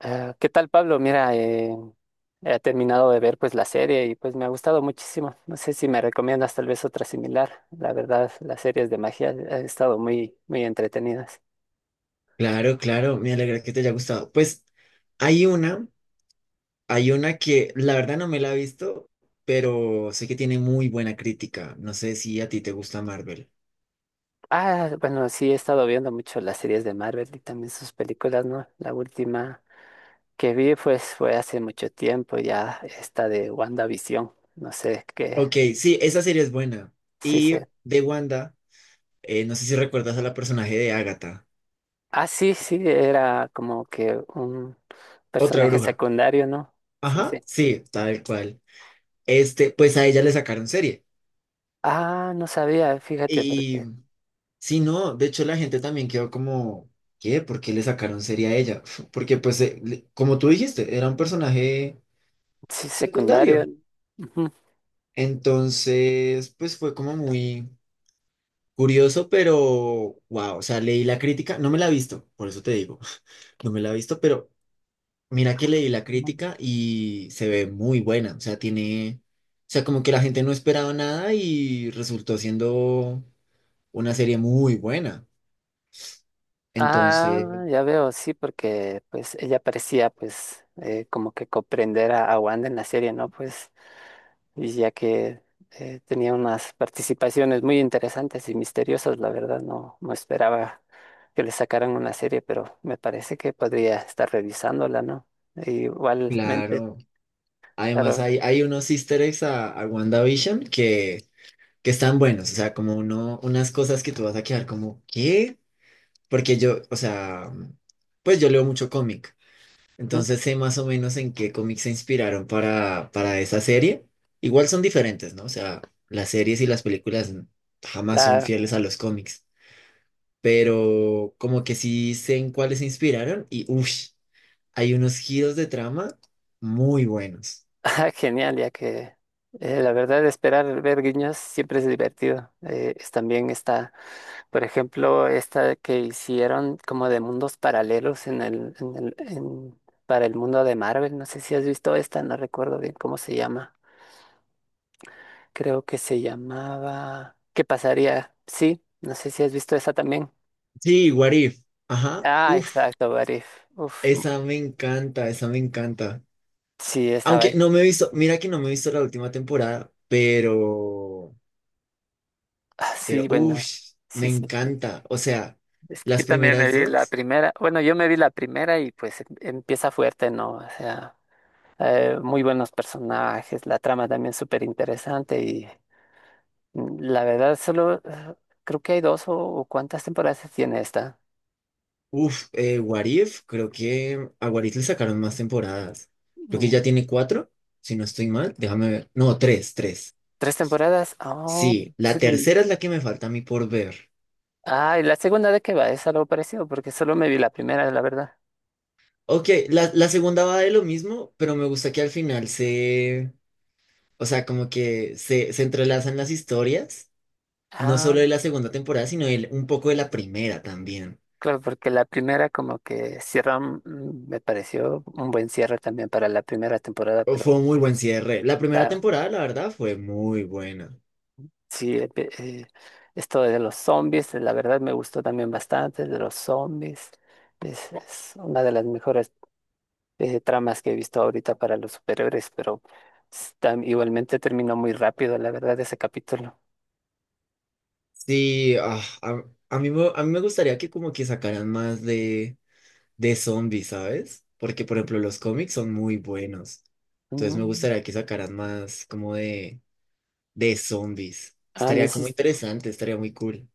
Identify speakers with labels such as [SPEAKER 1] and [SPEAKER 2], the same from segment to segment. [SPEAKER 1] Ah, ¿qué tal, Pablo? Mira, he terminado de ver pues la serie y pues me ha gustado muchísimo. No sé si me recomiendas tal vez otra similar. La verdad, las series de magia han estado muy, muy entretenidas.
[SPEAKER 2] Claro, claro, me alegra que te haya gustado. Pues hay una, hay una que la verdad no me la he visto, pero sé que tiene muy buena crítica. No sé si a ti te gusta Marvel.
[SPEAKER 1] Ah, bueno, sí, he estado viendo mucho las series de Marvel y también sus películas, ¿no? La última que vi pues fue hace mucho tiempo ya, esta de WandaVision. No sé qué,
[SPEAKER 2] Ok, sí, esa serie es buena.
[SPEAKER 1] sí
[SPEAKER 2] Y
[SPEAKER 1] sé.
[SPEAKER 2] de Wanda, no sé si recuerdas a la personaje de Agatha,
[SPEAKER 1] Ah, sí, sí, era como que un
[SPEAKER 2] otra
[SPEAKER 1] personaje
[SPEAKER 2] bruja.
[SPEAKER 1] secundario, ¿no? Sí,
[SPEAKER 2] Ajá,
[SPEAKER 1] sí.
[SPEAKER 2] sí, tal cual. Este, pues a ella le sacaron serie.
[SPEAKER 1] Ah, no sabía, fíjate,
[SPEAKER 2] Y
[SPEAKER 1] porque
[SPEAKER 2] sí, no, de hecho la gente también quedó como, ¿qué? ¿Por qué le sacaron serie a ella? Porque pues, como tú dijiste, era un personaje
[SPEAKER 1] sí, secundario.
[SPEAKER 2] secundario.
[SPEAKER 1] Ujú.
[SPEAKER 2] Entonces, pues fue como muy curioso, pero wow, o sea, leí la crítica, no me la he visto, por eso te digo, no me la he visto, pero mira que leí la
[SPEAKER 1] No.
[SPEAKER 2] crítica y se ve muy buena, o sea, tiene, o sea, como que la gente no esperaba nada y resultó siendo una serie muy buena.
[SPEAKER 1] Ah,
[SPEAKER 2] Entonces,
[SPEAKER 1] ya veo, sí, porque pues ella parecía pues como que comprender a Wanda en la serie, ¿no? Pues y ya que tenía unas participaciones muy interesantes y misteriosas, la verdad, no, no esperaba que le sacaran una serie, pero me parece que podría estar revisándola, ¿no? E igualmente,
[SPEAKER 2] claro, además
[SPEAKER 1] claro,
[SPEAKER 2] hay unos easter eggs a WandaVision que están buenos, o sea, como uno, unas cosas que tú vas a quedar como, ¿qué? Porque yo, o sea, pues yo leo mucho cómic,
[SPEAKER 1] ujú,
[SPEAKER 2] entonces sé más o menos en qué cómics se inspiraron para esa serie. Igual son diferentes, ¿no? O sea, las series y las películas jamás son
[SPEAKER 1] claro.
[SPEAKER 2] fieles a los cómics, pero como que sí sé en cuáles se inspiraron y, uff, hay unos giros de trama muy buenos.
[SPEAKER 1] Ah, genial, ya que la verdad esperar ver guiños siempre es divertido. También está, por ejemplo, esta que hicieron como de mundos paralelos para el mundo de Marvel. No sé si has visto esta, no recuerdo bien cómo se llama. Creo que se llamaba... ¿Qué pasaría? Sí, no sé si has visto esa también.
[SPEAKER 2] Sí, What If, ajá,
[SPEAKER 1] Ah,
[SPEAKER 2] uff,
[SPEAKER 1] exacto, What If. Uf,
[SPEAKER 2] esa me encanta, esa me encanta.
[SPEAKER 1] sí, estaba...
[SPEAKER 2] Aunque no me he visto, mira que no me he visto la última temporada, pero...
[SPEAKER 1] Ah,
[SPEAKER 2] Pero,
[SPEAKER 1] sí, bueno,
[SPEAKER 2] uff, me
[SPEAKER 1] sí, sí, sí.
[SPEAKER 2] encanta. O sea,
[SPEAKER 1] Es que
[SPEAKER 2] las
[SPEAKER 1] yo también me
[SPEAKER 2] primeras
[SPEAKER 1] vi la
[SPEAKER 2] dos,
[SPEAKER 1] primera, bueno, yo me vi la primera y pues empieza fuerte, ¿no? O sea, muy buenos personajes, la trama también súper interesante y mm, la verdad solo creo que hay dos o cuántas temporadas tiene esta.
[SPEAKER 2] uff, What If, creo que a What If le sacaron más temporadas. Creo que
[SPEAKER 1] Mm.
[SPEAKER 2] ya tiene cuatro, si no estoy mal. Déjame ver. No, tres.
[SPEAKER 1] ¿Tres temporadas? Oh,
[SPEAKER 2] Sí, la
[SPEAKER 1] sí. Lo
[SPEAKER 2] tercera es la que me falta a mí por ver.
[SPEAKER 1] Ah, ¿y la segunda de qué va? Es algo parecido porque solo me vi la primera, la verdad.
[SPEAKER 2] Ok, la segunda va de lo mismo, pero me gusta que al final se, o sea, como que se entrelazan las historias, no
[SPEAKER 1] Ah,
[SPEAKER 2] solo de la segunda temporada, sino un poco de la primera también.
[SPEAKER 1] claro, porque la primera como que cierra, mm, me pareció un buen cierre también para la primera temporada,
[SPEAKER 2] Fue
[SPEAKER 1] pero...
[SPEAKER 2] un muy buen cierre. La primera
[SPEAKER 1] claro.
[SPEAKER 2] temporada, la verdad, fue muy buena.
[SPEAKER 1] Sí, eh, pe- eh, esto de los zombies, la verdad me gustó también bastante, de los zombies. Es una de las mejores tramas que he visto ahorita para los superhéroes, pero igualmente terminó muy rápido, la verdad, ese capítulo.
[SPEAKER 2] Sí, a mí, a mí me gustaría que como que sacaran más de zombies, ¿sabes? Porque, por ejemplo, los cómics son muy buenos. Entonces me
[SPEAKER 1] Mm.
[SPEAKER 2] gustaría que sacaran más como de zombies.
[SPEAKER 1] A mí
[SPEAKER 2] Estaría como
[SPEAKER 1] sí,
[SPEAKER 2] interesante, estaría muy cool.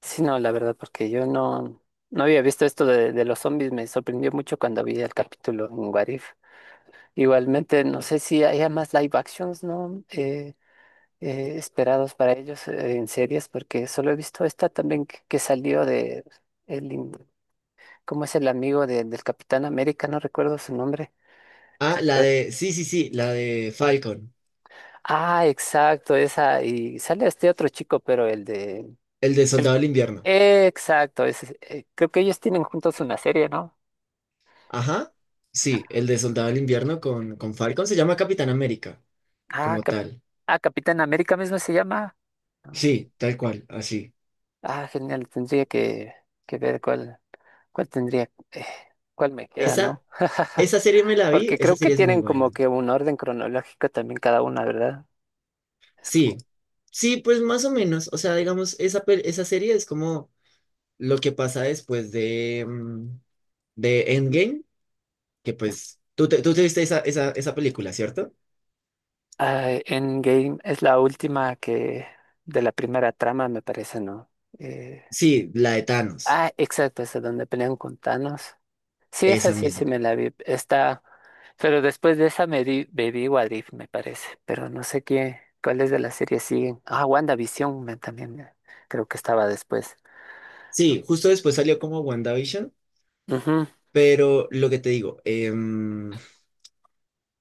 [SPEAKER 1] sí, no, la verdad, porque yo no, no había visto esto de los zombies, me sorprendió mucho cuando vi el capítulo en What If. Igualmente, no sé si haya más live actions, ¿no? Esperados para ellos en series, porque solo he visto esta también que salió de el, in- ¿cómo es el amigo del Capitán América? No recuerdo su nombre.
[SPEAKER 2] Ah, la
[SPEAKER 1] Creo que-
[SPEAKER 2] de, sí, sí, sí, la de Falcon,
[SPEAKER 1] Ah, exacto, esa, y sale este otro chico, pero el de...
[SPEAKER 2] el de Soldado del Invierno.
[SPEAKER 1] Exacto, creo que ellos tienen juntos una serie, ¿no?
[SPEAKER 2] Ajá, sí, el de Soldado del Invierno con Falcon se llama Capitán América,
[SPEAKER 1] Ah,
[SPEAKER 2] como tal.
[SPEAKER 1] Capitán América mismo se llama. Ah,
[SPEAKER 2] Sí, tal cual, así.
[SPEAKER 1] ah, genial, que ver cuál tendría, cuál me queda,
[SPEAKER 2] Esa,
[SPEAKER 1] ¿no?
[SPEAKER 2] esa serie me la vi,
[SPEAKER 1] Porque
[SPEAKER 2] esa
[SPEAKER 1] creo que
[SPEAKER 2] serie es muy
[SPEAKER 1] tienen
[SPEAKER 2] buena.
[SPEAKER 1] como que un orden cronológico también cada una, ¿verdad? Es
[SPEAKER 2] Sí,
[SPEAKER 1] como-
[SPEAKER 2] sí, pues más o menos. O sea, digamos, esa serie es como lo que pasa después de, mm, de Endgame, que
[SPEAKER 1] es-
[SPEAKER 2] pues tú te viste esa, esa película, ¿cierto?
[SPEAKER 1] ah, Endgame es la última que de la primera trama, me parece, ¿no? Eh,
[SPEAKER 2] Sí, la de Thanos,
[SPEAKER 1] ah, exacto, esa donde pelean con Thanos. Sí, esa
[SPEAKER 2] esa
[SPEAKER 1] sí, sí
[SPEAKER 2] misma.
[SPEAKER 1] me la vi. Está, pero después de esa me vi What If, me parece. Pero no sé qué, cuáles de las series siguen. Ah, WandaVision me- también me- creo que estaba después. ¿No?
[SPEAKER 2] Sí, justo después salió como WandaVision,
[SPEAKER 1] Ujú.
[SPEAKER 2] pero lo que te digo, em,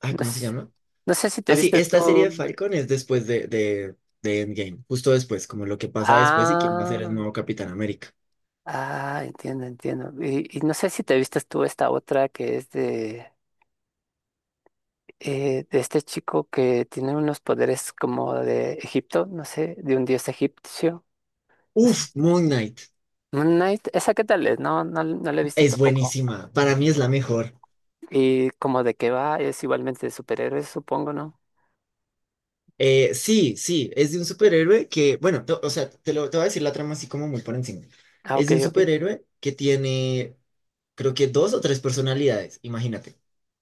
[SPEAKER 2] ay,
[SPEAKER 1] No
[SPEAKER 2] ¿cómo se
[SPEAKER 1] sé,
[SPEAKER 2] llama?
[SPEAKER 1] no sé si te
[SPEAKER 2] Ah, sí,
[SPEAKER 1] viste
[SPEAKER 2] esta serie de
[SPEAKER 1] tú.
[SPEAKER 2] Falcon es después de, de Endgame, justo después, como lo que pasa después y quién va a
[SPEAKER 1] Ah.
[SPEAKER 2] ser el nuevo Capitán América.
[SPEAKER 1] Ah, entiendo, entiendo. Y no sé si te vistes tú esta otra que es de este chico que tiene unos poderes como de Egipto, no sé, de un dios egipcio, no
[SPEAKER 2] Uf,
[SPEAKER 1] sé.
[SPEAKER 2] Moon Knight
[SPEAKER 1] Moon Knight, ¿esa qué tal es? No, no, no la he visto
[SPEAKER 2] es
[SPEAKER 1] tampoco.
[SPEAKER 2] buenísima. Para mí es la mejor.
[SPEAKER 1] Y como de qué va, es igualmente de superhéroes, supongo, ¿no?
[SPEAKER 2] Sí, sí, es de un superhéroe que, bueno, o sea, te voy a decir la trama así como muy por encima.
[SPEAKER 1] Ah,
[SPEAKER 2] Es
[SPEAKER 1] ok,
[SPEAKER 2] de un
[SPEAKER 1] ok.
[SPEAKER 2] superhéroe que tiene, creo que dos o tres personalidades, imagínate.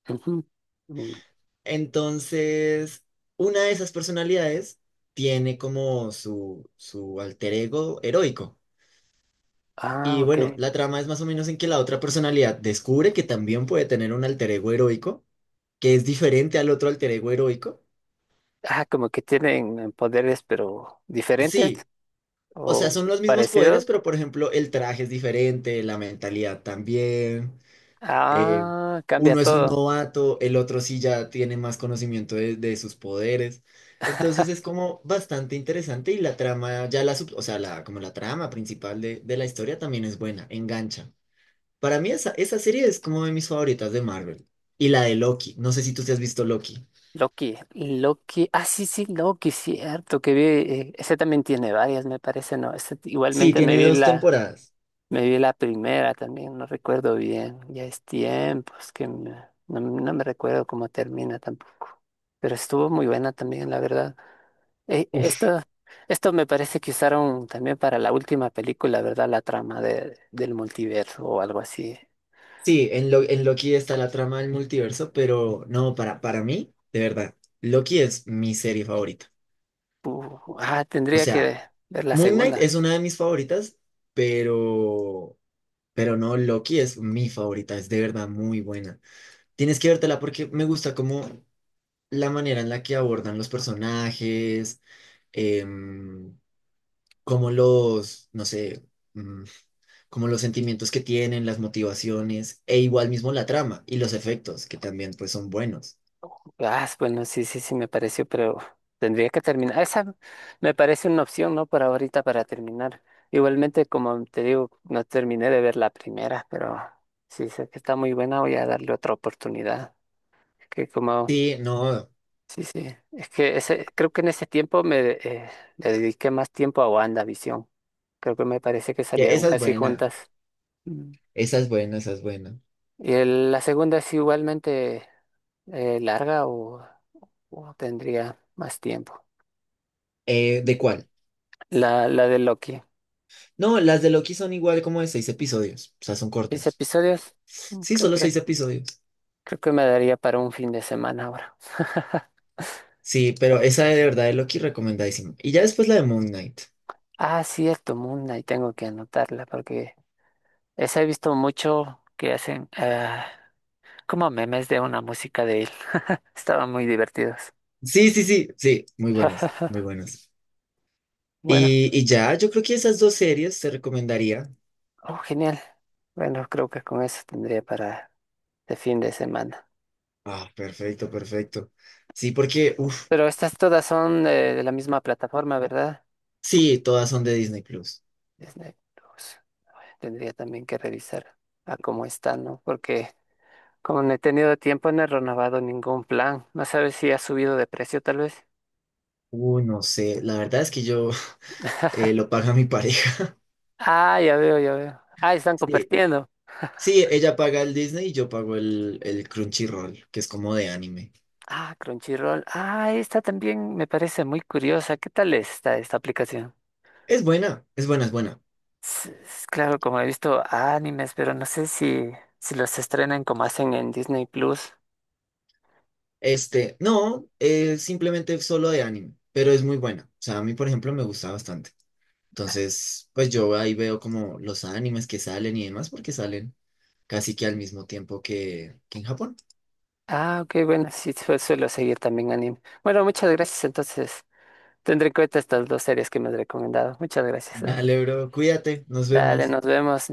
[SPEAKER 1] Ujú. Mm.
[SPEAKER 2] Entonces, una de esas personalidades tiene como su alter ego heroico.
[SPEAKER 1] Ah,
[SPEAKER 2] Y
[SPEAKER 1] ok.
[SPEAKER 2] bueno, la trama es más o menos en que la otra personalidad descubre que también puede tener un alter ego heroico, que es diferente al otro alter ego heroico.
[SPEAKER 1] Ah, como que tienen poderes, pero diferentes
[SPEAKER 2] Sí, O sea,
[SPEAKER 1] o
[SPEAKER 2] son los mismos poderes,
[SPEAKER 1] parecidos.
[SPEAKER 2] pero por ejemplo, el traje es diferente, la mentalidad también. eh,
[SPEAKER 1] Ah, cambia
[SPEAKER 2] uno es un
[SPEAKER 1] todo.
[SPEAKER 2] novato, el otro sí ya tiene más conocimiento de sus poderes. Entonces es como bastante interesante y la trama, o sea, la, como la trama principal de la historia también es buena, engancha. Para mí esa, esa serie es como de mis favoritas de Marvel. Y la de Loki, no sé si tú te has visto Loki.
[SPEAKER 1] Loki, Loki, ah, sí, sí, Loki, cierto, que vi, ese también tiene varias, me parece, ¿no?
[SPEAKER 2] Sí,
[SPEAKER 1] Igualmente me
[SPEAKER 2] tiene
[SPEAKER 1] vi
[SPEAKER 2] dos temporadas.
[SPEAKER 1] me vi la primera también, no recuerdo bien, ya es tiempo, es que no, no me recuerdo cómo termina tampoco, pero estuvo muy buena también, la verdad. Eh,
[SPEAKER 2] Uf,
[SPEAKER 1] esto, esto me parece que usaron también para la última película, ¿verdad? La trama de, del multiverso o algo así.
[SPEAKER 2] Sí, en Loki está la trama del multiverso, pero no, para mí, de verdad, Loki es mi serie favorita.
[SPEAKER 1] Ah,
[SPEAKER 2] O
[SPEAKER 1] tendría que
[SPEAKER 2] sea,
[SPEAKER 1] ver la
[SPEAKER 2] Moon Knight
[SPEAKER 1] segunda.
[SPEAKER 2] es una de mis favoritas, pero, pero no, Loki es mi favorita, es de verdad muy buena. Tienes que vértela porque me gusta como la manera en la que abordan los personajes, em, como los, no sé, mm, como los sentimientos que tienen, las motivaciones, e igual mismo la trama y los efectos, que también pues son buenos.
[SPEAKER 1] Ah, bueno, sí, sí, sí, me pareció, pero tendría que terminar. Esa me parece una opción, ¿no? Por ahorita para terminar. Igualmente, como te digo, no terminé de ver la primera, pero sí sé que está muy buena, voy a darle otra oportunidad. Que como,
[SPEAKER 2] Sí, no,
[SPEAKER 1] sí, sí, es que ese, creo que en ese tiempo me le dediqué más tiempo a WandaVision. Creo que me parece que
[SPEAKER 2] ya,
[SPEAKER 1] salieron
[SPEAKER 2] esa es
[SPEAKER 1] casi
[SPEAKER 2] buena,
[SPEAKER 1] juntas. Mm.
[SPEAKER 2] esa es buena, esa es buena.
[SPEAKER 1] Y la segunda es igualmente larga o tendría más tiempo.
[SPEAKER 2] ¿De cuál?
[SPEAKER 1] La de Loki.
[SPEAKER 2] No, las de Loki son igual como de seis episodios, o sea, son
[SPEAKER 1] Seis
[SPEAKER 2] cortos.
[SPEAKER 1] episodios. Mm.
[SPEAKER 2] Sí, solo seis episodios.
[SPEAKER 1] Creo que me daría para un fin de semana ahora.
[SPEAKER 2] Sí, pero esa de verdad de Loki recomendadísima. Y ya después la de Moon Knight.
[SPEAKER 1] Ah, cierto, Moon Knight, tengo que anotarla porque esa he visto mucho que hacen como memes de una música de él. Estaban muy divertidos.
[SPEAKER 2] Sí, sí, sí, sí, muy buenas, muy buenas.
[SPEAKER 1] Bueno,
[SPEAKER 2] Y ya, yo creo que esas dos series te recomendaría.
[SPEAKER 1] oh, genial. Bueno, creo que con eso tendría para de fin de semana.
[SPEAKER 2] Ah, perfecto, perfecto. Sí, porque, uff,
[SPEAKER 1] Pero estas todas son de la misma plataforma, ¿verdad?
[SPEAKER 2] sí, todas son de Disney Plus.
[SPEAKER 1] Disney Plus. Tendría también que revisar a cómo están, ¿no? Porque como no he tenido tiempo, no he renovado ningún plan. No sabes si ha subido de precio, tal vez.
[SPEAKER 2] No sé, la verdad es que yo lo paga mi pareja.
[SPEAKER 1] Ah, ya veo, ya veo. Ah, están
[SPEAKER 2] Sí,
[SPEAKER 1] compartiendo.
[SPEAKER 2] Sí, ella paga el Disney y yo pago el Crunchyroll, que es como de anime.
[SPEAKER 1] Ah, Crunchyroll. Ah, esta también me parece muy curiosa. ¿Qué tal está esta aplicación?
[SPEAKER 2] Es buena, es buena, es buena.
[SPEAKER 1] Claro, como he visto animes, pero no sé si, si los estrenan como hacen en Disney Plus.
[SPEAKER 2] Este, no, es simplemente solo de anime, pero es muy buena. O sea, a mí, por ejemplo, me gusta bastante. Entonces, pues yo ahí veo como los animes que salen y demás, porque salen casi que al mismo tiempo que en Japón.
[SPEAKER 1] Ah, ok, bueno, sí, suelo seguir también anime. Bueno, muchas gracias. Entonces, tendré en cuenta estas dos series que me has recomendado. Muchas gracias, eh.
[SPEAKER 2] Dale, bro, cuídate, nos
[SPEAKER 1] Dale,
[SPEAKER 2] vemos.
[SPEAKER 1] nos vemos.